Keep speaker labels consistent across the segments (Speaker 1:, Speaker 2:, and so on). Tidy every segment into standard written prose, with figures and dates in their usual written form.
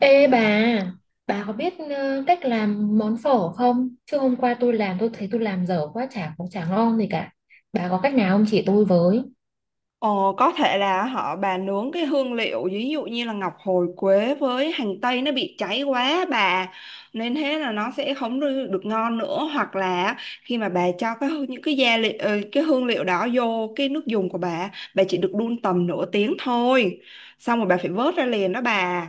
Speaker 1: Ê bà có biết cách làm món phở không? Chứ hôm qua tôi làm tôi thấy tôi làm dở quá, chả cũng chả ngon gì cả. Bà có cách nào không, chỉ tôi với?
Speaker 2: Ồ, có thể là bà nướng cái hương liệu ví dụ như là ngọc hồi quế với hành tây nó bị cháy quá bà, nên thế là nó sẽ không được được ngon nữa, hoặc là khi mà bà cho những cái gia liệu, cái hương liệu đó vô cái nước dùng của bà chỉ được đun tầm nửa tiếng thôi, xong rồi bà phải vớt ra liền đó bà.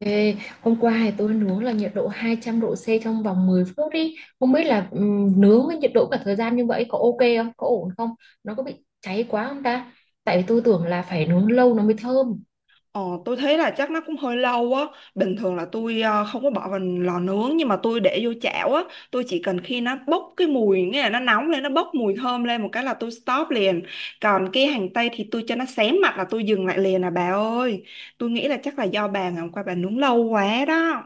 Speaker 1: Ê, hôm qua thì tôi nướng là nhiệt độ 200 độ C trong vòng 10 phút đi. Không biết là nướng với nhiệt độ cả thời gian như vậy có ok không? Có ổn không? Nó có bị cháy quá không ta? Tại vì tôi tưởng là phải nướng lâu nó mới thơm.
Speaker 2: Ờ, tôi thấy là chắc nó cũng hơi lâu á. Bình thường là tôi không có bỏ vào lò nướng, nhưng mà tôi để vô chảo á. Tôi chỉ cần khi nó bốc cái mùi, nghĩa là nó nóng lên, nó bốc mùi thơm lên, một cái là tôi stop liền. Còn cái hành tây thì tôi cho nó xém mặt là tôi dừng lại liền à bà ơi. Tôi nghĩ là chắc là do bà ngày hôm qua bà nướng lâu quá đó.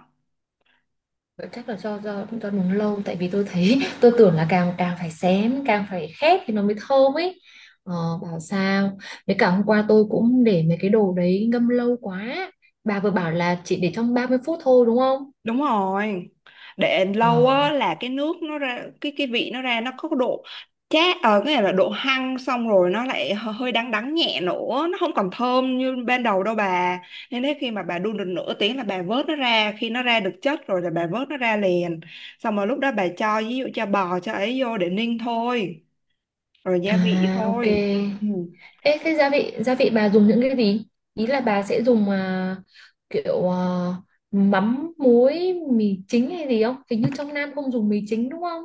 Speaker 1: Chắc là do nướng lâu, tại vì tôi thấy tôi tưởng là càng càng phải xém càng phải khét thì nó mới thơm ấy. ờ, Bảo sao. Với cả hôm qua tôi cũng để mấy cái đồ đấy ngâm lâu quá, bà vừa bảo là chỉ để trong 30 phút thôi đúng không?
Speaker 2: Đúng rồi, để
Speaker 1: Ờ.
Speaker 2: lâu á là cái nước nó ra cái vị, nó ra nó có độ chát, ở cái này là độ hăng, xong rồi nó lại hơi đắng đắng nhẹ nữa, nó không còn thơm như ban đầu đâu bà. Nên thế khi mà bà đun được nửa tiếng là bà vớt nó ra, khi nó ra được chất rồi là bà vớt nó ra liền, xong rồi lúc đó bà cho ví dụ cho bò cho ấy vô để ninh thôi, rồi gia vị
Speaker 1: À, ok.
Speaker 2: thôi. Ừ.
Speaker 1: Ê, thế gia vị bà dùng những cái gì? Ý là bà sẽ dùng kiểu mắm muối mì chính hay gì không, hình như trong Nam không dùng mì chính đúng không?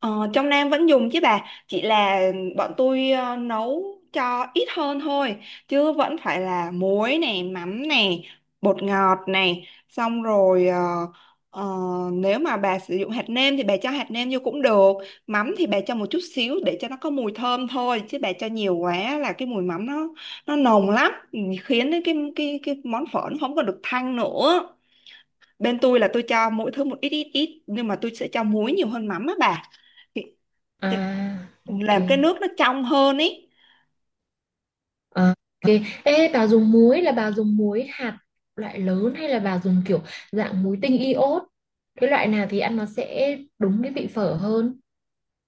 Speaker 2: Ờ, trong Nam vẫn dùng chứ bà, chỉ là bọn tôi nấu cho ít hơn thôi, chứ vẫn phải là muối này, mắm này, bột ngọt này, xong rồi ờ, nếu mà bà sử dụng hạt nêm thì bà cho hạt nêm vô cũng được. Mắm thì bà cho một chút xíu để cho nó có mùi thơm thôi, chứ bà cho nhiều quá là cái mùi mắm nó nồng lắm. Ừ, Khiến đến cái món phở nó không có được thanh nữa. Bên tôi là tôi cho mỗi thứ một ít ít ít, nhưng mà tôi sẽ cho muối nhiều hơn mắm á bà, thì
Speaker 1: À, ok.
Speaker 2: làm cái nước nó trong hơn ý.
Speaker 1: À, ok. Ê, bà dùng muối là bà dùng muối hạt loại lớn hay là bà dùng kiểu dạng muối tinh iốt? Cái loại nào thì ăn nó sẽ đúng cái vị phở hơn?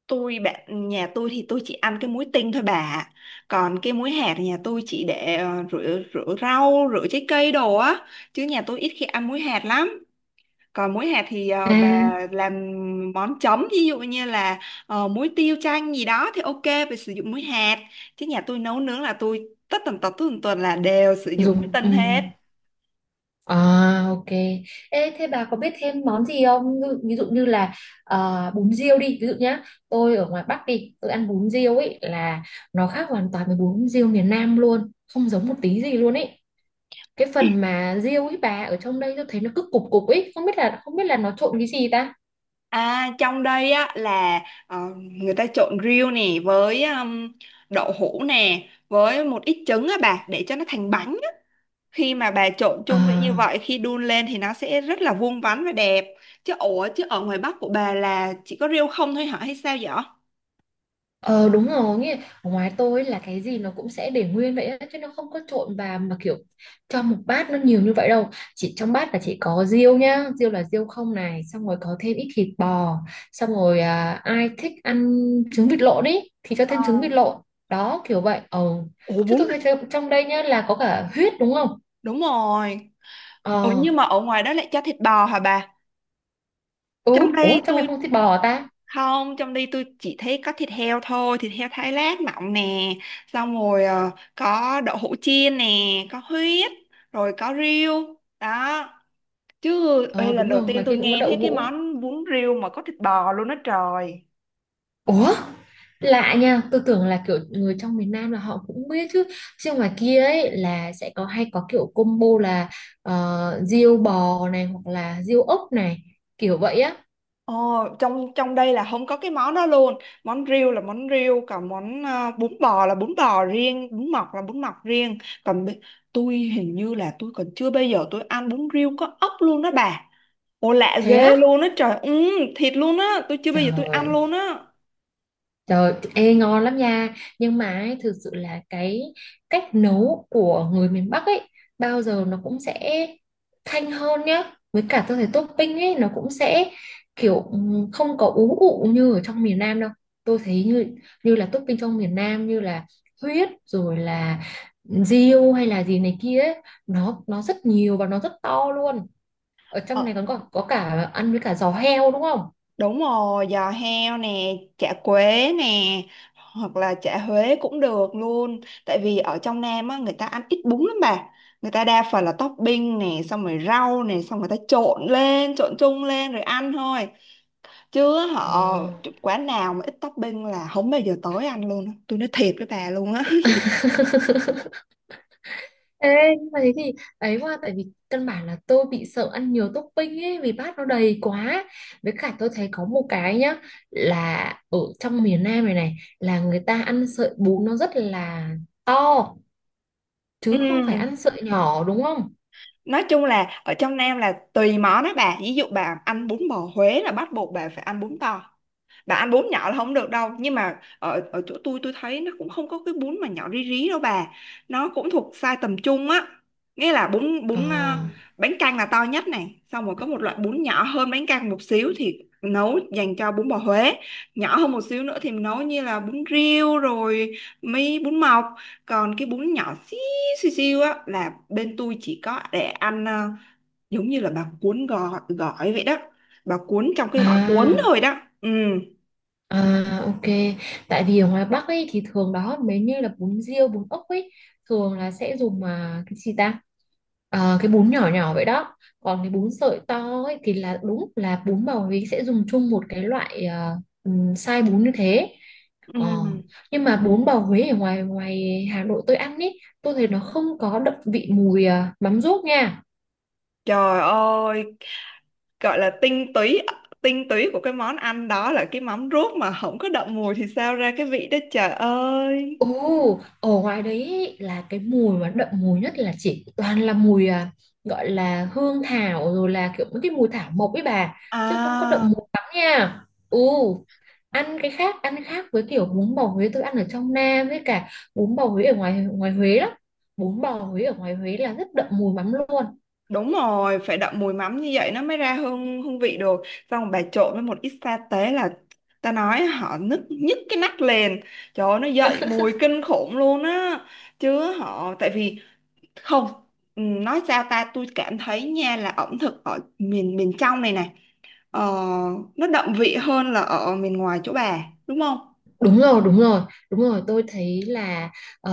Speaker 2: Bạn nhà tôi thì tôi chỉ ăn cái muối tinh thôi bà ạ. Còn cái muối hạt thì nhà tôi chỉ để rửa rửa rau, rửa trái cây đồ á, chứ nhà tôi ít khi ăn muối hạt lắm. Còn muối hạt thì
Speaker 1: À,
Speaker 2: bà làm món chấm ví dụ như là muối tiêu chanh gì đó thì ok, phải sử dụng muối hạt. Chứ nhà tôi nấu nướng là tôi tất tần tật là đều sử dụng muối
Speaker 1: dùng ừ.
Speaker 2: tinh hết.
Speaker 1: À, ok. Ê, thế bà có biết thêm món gì không? Ví ví dụ như là bún riêu đi. Ví dụ nhá, tôi ở ngoài Bắc đi, tôi ăn bún riêu ấy là nó khác hoàn toàn với bún riêu miền Nam luôn, không giống một tí gì luôn ấy. Cái phần mà riêu ấy bà, ở trong đây tôi thấy nó cứ cục cục ấy, không biết là nó trộn cái gì ta.
Speaker 2: À, trong đây á là người ta trộn riêu nè với đậu hũ nè với một ít trứng á bà, để cho nó thành bánh á. Khi mà bà trộn
Speaker 1: Ờ,
Speaker 2: chung với như vậy, khi đun lên thì nó sẽ rất là vuông vắn và đẹp. Ủa, chứ ở ngoài Bắc của bà là chỉ có riêu không thôi hả hay sao vậy?
Speaker 1: ờ, đúng rồi nghe. Ở ngoài tôi là cái gì nó cũng sẽ để nguyên vậy á, chứ nó không có trộn vào mà kiểu cho một bát nó nhiều như vậy đâu. Chỉ trong bát là chỉ có riêu nhá, riêu là riêu không này, xong rồi có thêm ít thịt bò, xong rồi ai thích ăn trứng vịt lộn ý thì cho
Speaker 2: Ờ.
Speaker 1: thêm trứng vịt lộn. Đó kiểu vậy. Ờ
Speaker 2: Ủa
Speaker 1: Chứ
Speaker 2: bún
Speaker 1: tôi thấy trong trong đây nhá là có cả huyết đúng không?
Speaker 2: Đúng rồi. Ủa,
Speaker 1: Ờ.
Speaker 2: nhưng mà ở ngoài đó lại cho thịt bò hả bà?
Speaker 1: Ừ.
Speaker 2: Trong đây
Speaker 1: Ủa, trong này
Speaker 2: tôi
Speaker 1: không có thịt bò ta?
Speaker 2: Không, trong đi tôi chỉ thấy có thịt heo thôi, thịt heo thái lát mỏng nè, xong rồi có đậu hũ chiên nè, có huyết, rồi có riêu đó. Chứ ê,
Speaker 1: Ờ
Speaker 2: lần
Speaker 1: đúng
Speaker 2: đầu
Speaker 1: rồi,
Speaker 2: tiên
Speaker 1: ngoài
Speaker 2: tôi
Speaker 1: kia cũng có
Speaker 2: nghe
Speaker 1: đậu
Speaker 2: thấy cái
Speaker 1: hũ.
Speaker 2: món bún riêu mà có thịt bò luôn đó trời.
Speaker 1: Ủa? Lạ nha, tôi tưởng là kiểu người trong miền Nam là họ cũng biết chứ. Chứ ngoài kia ấy là sẽ có hay có kiểu combo là riêu bò này hoặc là riêu ốc này, kiểu vậy á.
Speaker 2: Ồ, trong trong đây là không có cái món đó luôn. Món riêu là món riêu, còn món bún bò là bún bò riêng, bún mọc là bún mọc riêng. Còn tôi hình như là tôi còn chưa bao giờ tôi ăn bún riêu có ốc luôn đó bà. Ồ lạ
Speaker 1: Thế á?
Speaker 2: ghê luôn á trời, ừ, thịt luôn á. Tôi chưa bao giờ tôi ăn
Speaker 1: Trời.
Speaker 2: luôn á.
Speaker 1: Trời, ê, ngon lắm nha. Nhưng mà ấy, thực sự là cái cách nấu của người miền Bắc ấy bao giờ nó cũng sẽ thanh hơn nhá. Với cả tôi thấy topping ấy nó cũng sẽ kiểu không có ú ụ như ở trong miền Nam đâu. Tôi thấy như như là topping trong miền Nam như là huyết rồi là riêu hay là gì này kia ấy, nó rất nhiều và nó rất to luôn. Ở trong này
Speaker 2: ờ,
Speaker 1: còn có cả ăn với cả giò heo đúng không?
Speaker 2: Đúng rồi, giò heo nè, chả quế nè, hoặc là chả Huế cũng được luôn. Tại vì ở trong Nam á, người ta ăn ít bún lắm bà. Người ta đa phần là topping nè, xong rồi rau nè, xong người ta trộn lên, trộn chung lên rồi ăn thôi. Chứ họ
Speaker 1: Ờ.
Speaker 2: Quán nào mà ít topping là không bao giờ tới ăn luôn á. Tôi nói thiệt với bà luôn á.
Speaker 1: Ê, nhưng mà thế thì ấy quá, tại vì căn bản là tôi bị sợ ăn nhiều topping ấy vì bát nó đầy quá. Với cả tôi thấy có một cái nhá, là ở trong miền Nam này này là người ta ăn sợi bún nó rất là to, chứ không phải
Speaker 2: Ừ.
Speaker 1: ăn sợi nhỏ đúng không?
Speaker 2: Nói chung là ở trong Nam là tùy món đó bà, ví dụ bà ăn bún bò Huế là bắt buộc bà phải ăn bún bò, bà ăn bún nhỏ là không được đâu. Nhưng mà ở ở chỗ tôi thấy nó cũng không có cái bún mà nhỏ rí rí đâu bà, nó cũng thuộc size tầm trung á, nghĩa là bún
Speaker 1: Ờ.
Speaker 2: bún à, bánh canh là to nhất này, xong rồi có một loại bún nhỏ hơn bánh canh một xíu thì nấu dành cho bún bò Huế, nhỏ hơn một xíu nữa thì mình nấu như là bún riêu rồi, mấy bún mọc. Còn cái bún nhỏ xíu xíu xíu á là bên tôi chỉ có để ăn à, giống như là bà cuốn gỏi, gỏi vậy đó, bà cuốn trong cái gỏi cuốn
Speaker 1: À.
Speaker 2: thôi đó. Ừ.
Speaker 1: À ok, tại vì ở ngoài Bắc ấy thì thường đó mấy như là bún riêu, bún ốc ấy thường là sẽ dùng cái gì ta? Ờ, cái bún nhỏ nhỏ vậy đó. Còn cái bún sợi to ấy thì là đúng là bún bào Huế sẽ dùng chung một cái loại size bún như thế.
Speaker 2: Ừ.
Speaker 1: Ờ, nhưng mà bún bào Huế ở ngoài ngoài Hà Nội tôi ăn ấy, tôi thấy nó không có đậm vị mùi mắm ruốc nha.
Speaker 2: Trời ơi, gọi là tinh túy, tinh túy của cái món ăn đó là cái mắm ruốc mà không có đậm mùi thì sao ra cái vị đó trời ơi.
Speaker 1: Ồ, ở ngoài đấy ý, là cái mùi mà đậm mùi nhất là chỉ toàn là mùi gọi là hương thảo rồi là kiểu mấy cái mùi thảo mộc ấy bà, chứ không có đậm
Speaker 2: À,
Speaker 1: mùi lắm nha. Ồ, ăn cái khác, ăn khác với kiểu bún bò Huế tôi ăn ở trong Nam, với cả bún bò Huế ở ngoài ngoài Huế lắm. Bún bò Huế ở ngoài Huế là rất đậm mùi lắm luôn.
Speaker 2: đúng rồi, phải đậm mùi mắm như vậy nó mới ra hương hương vị được. Xong bà trộn với một ít sa tế là ta nói họ nức nhức cái nách lên. Trời ơi, nó dậy mùi kinh khủng luôn á. Chứ họ tại vì không, nói sao ta, tôi cảm thấy nha là ẩm thực ở miền miền trong này này, ờ, nó đậm vị hơn là ở miền ngoài chỗ bà đúng không.
Speaker 1: Đúng rồi, đúng rồi, đúng rồi. Tôi thấy là ờ,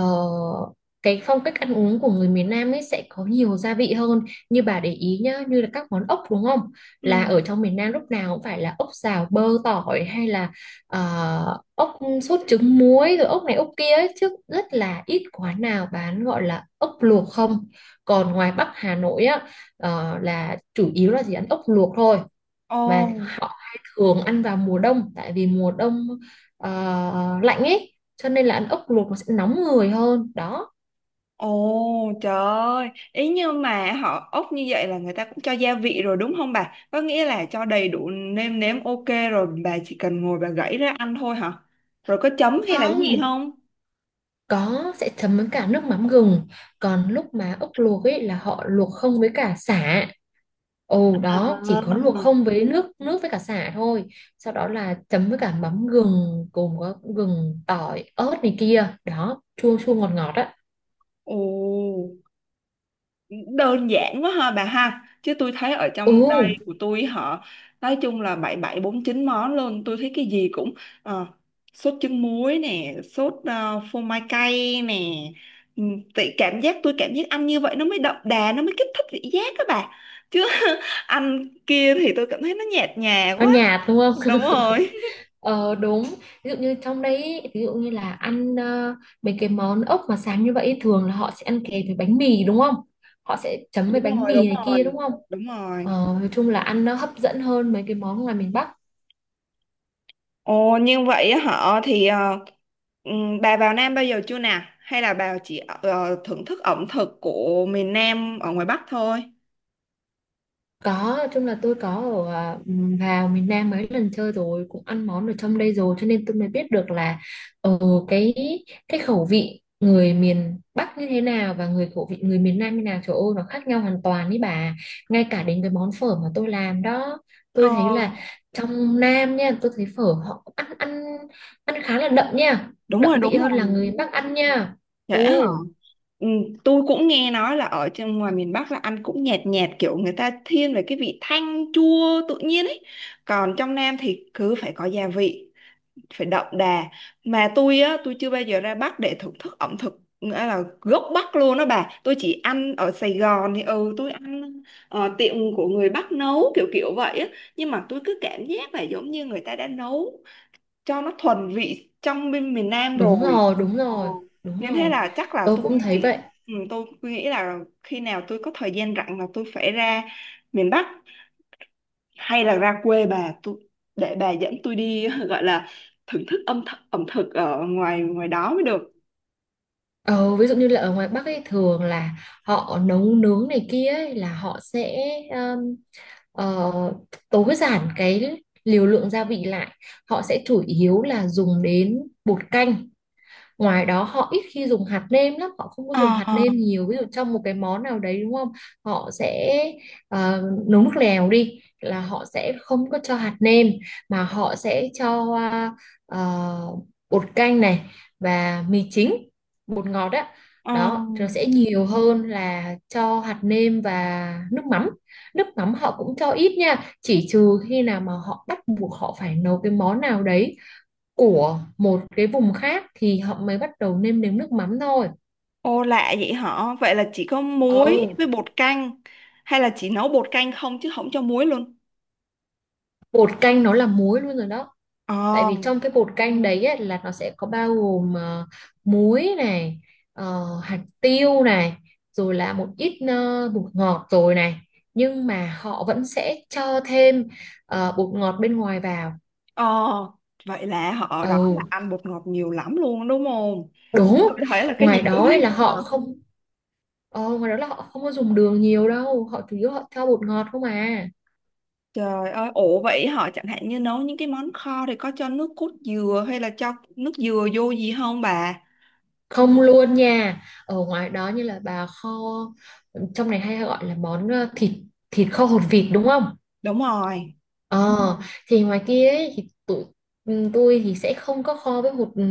Speaker 1: cái phong cách ăn uống của người miền Nam ấy sẽ có nhiều gia vị hơn. Như bà để ý nhá, như là các món ốc đúng không?
Speaker 2: Ừ.
Speaker 1: Là ở trong miền Nam lúc nào cũng phải là ốc xào bơ tỏi hay là ốc sốt trứng muối rồi ốc này ốc kia ấy. Chứ rất là ít quán nào bán gọi là ốc luộc không. Còn ngoài Bắc Hà Nội á, là chủ yếu là chỉ ăn ốc luộc thôi, mà
Speaker 2: Ồ,
Speaker 1: họ hay thường ăn vào mùa đông, tại vì mùa đông ờ, lạnh ấy cho nên là ăn ốc luộc nó sẽ nóng người hơn đó.
Speaker 2: ồ, trời ơi. Ý như mà họ ốc như vậy là người ta cũng cho gia vị rồi đúng không bà? Có nghĩa là cho đầy đủ nêm nếm, ok, rồi bà chỉ cần ngồi bà gãy ra ăn thôi hả? Rồi có chấm hay là cái gì
Speaker 1: Không,
Speaker 2: không?
Speaker 1: có sẽ chấm với cả nước mắm gừng, còn lúc mà ốc luộc ấy là họ luộc không với cả sả. Ồ, đó chỉ có
Speaker 2: À.
Speaker 1: luộc không với nước nước với cả sả thôi, sau đó là chấm với cả mắm gừng cùng có gừng tỏi ớt này kia đó, chua chua ngọt ngọt á.
Speaker 2: Ồ. Đơn giản quá ha bà ha, chứ tôi thấy ở
Speaker 1: Ừ.
Speaker 2: trong đây của tôi họ nói chung là bảy bảy bốn chín món luôn. Tôi thấy cái gì cũng ờ, sốt trứng muối nè, sốt phô mai cay nè. Ừ, Tại cảm giác tôi cảm giác ăn như vậy nó mới đậm đà, nó mới kích thích vị giác các bà, chứ ăn kia thì tôi cảm thấy nó nhạt nhòa
Speaker 1: Nó
Speaker 2: quá.
Speaker 1: nhạt đúng
Speaker 2: Đúng
Speaker 1: không?
Speaker 2: rồi.
Speaker 1: Ờ đúng, ví dụ như trong đấy ý, ví dụ như là ăn mấy cái món ốc mà sáng như vậy ý, thường là họ sẽ ăn kèm với bánh mì đúng không? Họ sẽ chấm với
Speaker 2: Đúng
Speaker 1: bánh
Speaker 2: rồi.
Speaker 1: mì
Speaker 2: Đúng
Speaker 1: này kia
Speaker 2: rồi.
Speaker 1: đúng không?
Speaker 2: Đúng
Speaker 1: Ờ,
Speaker 2: rồi.
Speaker 1: nói chung là ăn nó hấp dẫn hơn mấy cái món ngoài miền Bắc.
Speaker 2: Ồ, nhưng vậy á họ thì bà vào Nam bao giờ chưa nè? Hay là bà chỉ thưởng thức ẩm thực của miền Nam ở ngoài Bắc thôi?
Speaker 1: Có, nói chung là tôi có ở vào miền Nam mấy lần chơi rồi, cũng ăn món ở trong đây rồi, cho nên tôi mới biết được là ở cái cái khẩu vị người miền Bắc như thế nào và người khẩu vị người miền Nam như nào, trời ơi nó khác nhau hoàn toàn ý bà. Ngay cả đến cái món phở mà tôi làm đó, tôi thấy
Speaker 2: Ờ,
Speaker 1: là trong Nam nha, tôi thấy phở họ cũng ăn ăn ăn khá là đậm nha,
Speaker 2: đúng rồi,
Speaker 1: đậm
Speaker 2: đúng
Speaker 1: vị hơn là
Speaker 2: rồi.
Speaker 1: người Bắc ăn nha.
Speaker 2: Trễ hả?
Speaker 1: Ồ,
Speaker 2: Ừm, tôi cũng nghe nói là ở trong ngoài miền Bắc là ăn cũng nhạt nhạt kiểu người ta thiên về cái vị thanh chua tự nhiên ấy. Còn trong Nam thì cứ phải có gia vị, phải đậm đà. Mà tôi á, tôi chưa bao giờ ra Bắc để thưởng thức ẩm thực nghĩa là gốc Bắc luôn đó bà. Tôi chỉ ăn ở Sài Gòn thì tôi ăn tiệm của người Bắc nấu kiểu kiểu vậy á, nhưng mà tôi cứ cảm giác là giống như người ta đã nấu cho nó thuần vị trong bên miền Nam
Speaker 1: đúng
Speaker 2: rồi.
Speaker 1: rồi, đúng
Speaker 2: Ờ.
Speaker 1: rồi, đúng
Speaker 2: Nên thế
Speaker 1: rồi.
Speaker 2: là chắc là
Speaker 1: Tôi cũng thấy
Speaker 2: nghĩ
Speaker 1: vậy.
Speaker 2: tôi nghĩ là khi nào tôi có thời gian rảnh là tôi phải ra miền Bắc, hay là ra quê bà tôi, để bà dẫn tôi đi gọi là thưởng thức âm th ẩm thực ở ngoài ngoài đó mới được.
Speaker 1: Ờ, ví dụ như là ở ngoài Bắc ấy thường là họ nấu nướng này kia ấy, là họ sẽ um, ờ, tối giản cái liều lượng gia vị lại, họ sẽ chủ yếu là dùng đến bột canh. Ngoài đó họ ít khi dùng hạt nêm lắm, họ không có dùng hạt
Speaker 2: Ờ,
Speaker 1: nêm nhiều. Ví dụ trong một cái món nào đấy đúng không? Họ sẽ ờ, nấu nước lèo đi là họ sẽ không có cho hạt nêm, mà họ sẽ cho ờ, bột canh này và mì chính, bột ngọt đó.
Speaker 2: ờ,
Speaker 1: Đó, rồi sẽ nhiều hơn là cho hạt nêm và nước mắm. Nước mắm họ cũng cho ít nha, chỉ trừ khi nào mà họ bắt buộc họ phải nấu cái món nào đấy của một cái vùng khác thì họ mới bắt đầu nêm nếm nước mắm thôi.
Speaker 2: Ô, lạ vậy hả? Vậy là chỉ có muối
Speaker 1: Ồ,
Speaker 2: với bột canh, hay là chỉ nấu bột canh không chứ không cho muối luôn?
Speaker 1: bột canh nó là muối luôn rồi đó. Tại
Speaker 2: Ờ,
Speaker 1: vì trong cái bột canh đấy ấy, là nó sẽ có bao gồm muối này, hạt tiêu này, rồi là một ít bột ngọt rồi này. Nhưng mà họ vẫn sẽ cho thêm bột ngọt bên ngoài vào.
Speaker 2: ờ, Vậy là họ ở
Speaker 1: Ồ,
Speaker 2: đó là ăn bột ngọt nhiều lắm luôn đúng không? Tôi
Speaker 1: đúng.
Speaker 2: thấy là cái gì
Speaker 1: Ngoài
Speaker 2: cũng
Speaker 1: đó ấy
Speaker 2: thấy
Speaker 1: là
Speaker 2: bột
Speaker 1: họ
Speaker 2: ngọt.
Speaker 1: không. Ờ, Ngoài đó là họ không có dùng đường nhiều đâu, họ chủ yếu họ cho bột ngọt không à.
Speaker 2: Trời ơi, ổ vậy họ chẳng hạn như nấu những cái món kho thì có cho nước cốt dừa hay là cho nước dừa vô gì không bà?
Speaker 1: Không luôn nha. Ở ngoài đó, như là bà kho trong này hay gọi là món thịt thịt kho hột vịt đúng không?
Speaker 2: Đúng rồi.
Speaker 1: Ờ, thì ngoài kia ấy, thì tụi tôi thì sẽ không có kho với hột ừ,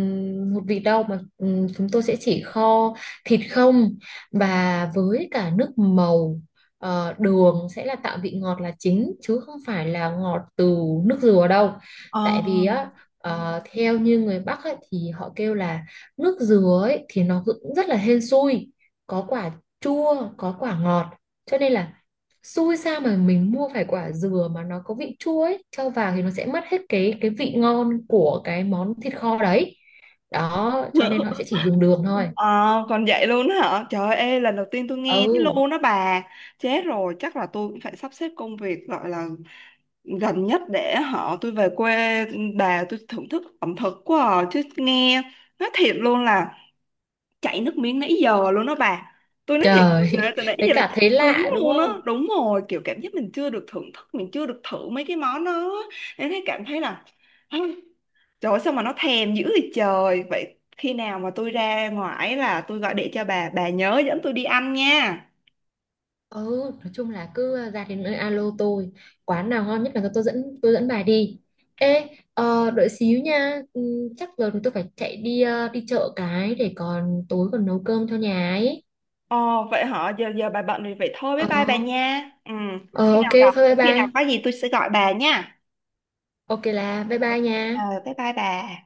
Speaker 1: hột vịt đâu, mà chúng tôi sẽ chỉ kho thịt không và với cả nước màu. Ờ, đường sẽ là tạo vị ngọt là chính chứ không phải là ngọt từ nước dừa đâu.
Speaker 2: Ờ,
Speaker 1: Tại vì á, theo như người Bắc ấy, thì họ kêu là nước dừa ấy, thì nó cũng rất là hên xui, có quả chua có quả ngọt, cho nên là xui sao mà mình mua phải quả dừa mà nó có vị chua ấy cho vào thì nó sẽ mất hết cái vị ngon của cái món thịt kho đấy. Đó cho nên họ sẽ chỉ dùng đường thôi.
Speaker 2: ờ, còn vậy luôn á hả? Trời ơi, lần đầu tiên tôi nghe thế
Speaker 1: Ừ.
Speaker 2: luôn đó bà. Chết rồi, chắc là tôi cũng phải sắp xếp công việc gọi là gần nhất để họ tôi về quê bà tôi thưởng thức ẩm thực quá à. Chứ nghe nói thiệt luôn là chảy nước miếng nãy giờ luôn đó bà. Tôi nói thiệt
Speaker 1: Trời,
Speaker 2: là từ nãy
Speaker 1: với
Speaker 2: giờ là
Speaker 1: cả
Speaker 2: chảy
Speaker 1: thấy
Speaker 2: nước miếng
Speaker 1: lạ đúng
Speaker 2: luôn á.
Speaker 1: không?
Speaker 2: Đúng rồi, kiểu cảm giác mình chưa được thưởng thức, mình chưa được thử mấy cái món đó. Nên thấy cảm thấy là trời ơi, sao mà nó thèm dữ vậy trời. Vậy khi nào mà tôi ra ngoài là tôi gọi điện cho bà nhớ dẫn tôi đi ăn nha.
Speaker 1: Ừ, nói chung là cứ ra đến nơi alo tôi, quán nào ngon nhất là tôi dẫn bà đi. Ê, đợi xíu nha. Ừ, chắc giờ thì tôi phải chạy đi đi chợ cái để còn tối còn nấu cơm cho nhà ấy.
Speaker 2: Ồ, vậy hả? Giờ giờ bà bận thì vậy thôi, bye
Speaker 1: Ờ.
Speaker 2: bye bà nha. Ừ,
Speaker 1: Ờ,
Speaker 2: khi
Speaker 1: ok
Speaker 2: nào gặp,
Speaker 1: thôi, bye
Speaker 2: khi nào
Speaker 1: bye.
Speaker 2: có gì tôi sẽ gọi bà nha.
Speaker 1: Ok, là bye bye nha.
Speaker 2: Ờ, bye bye bà.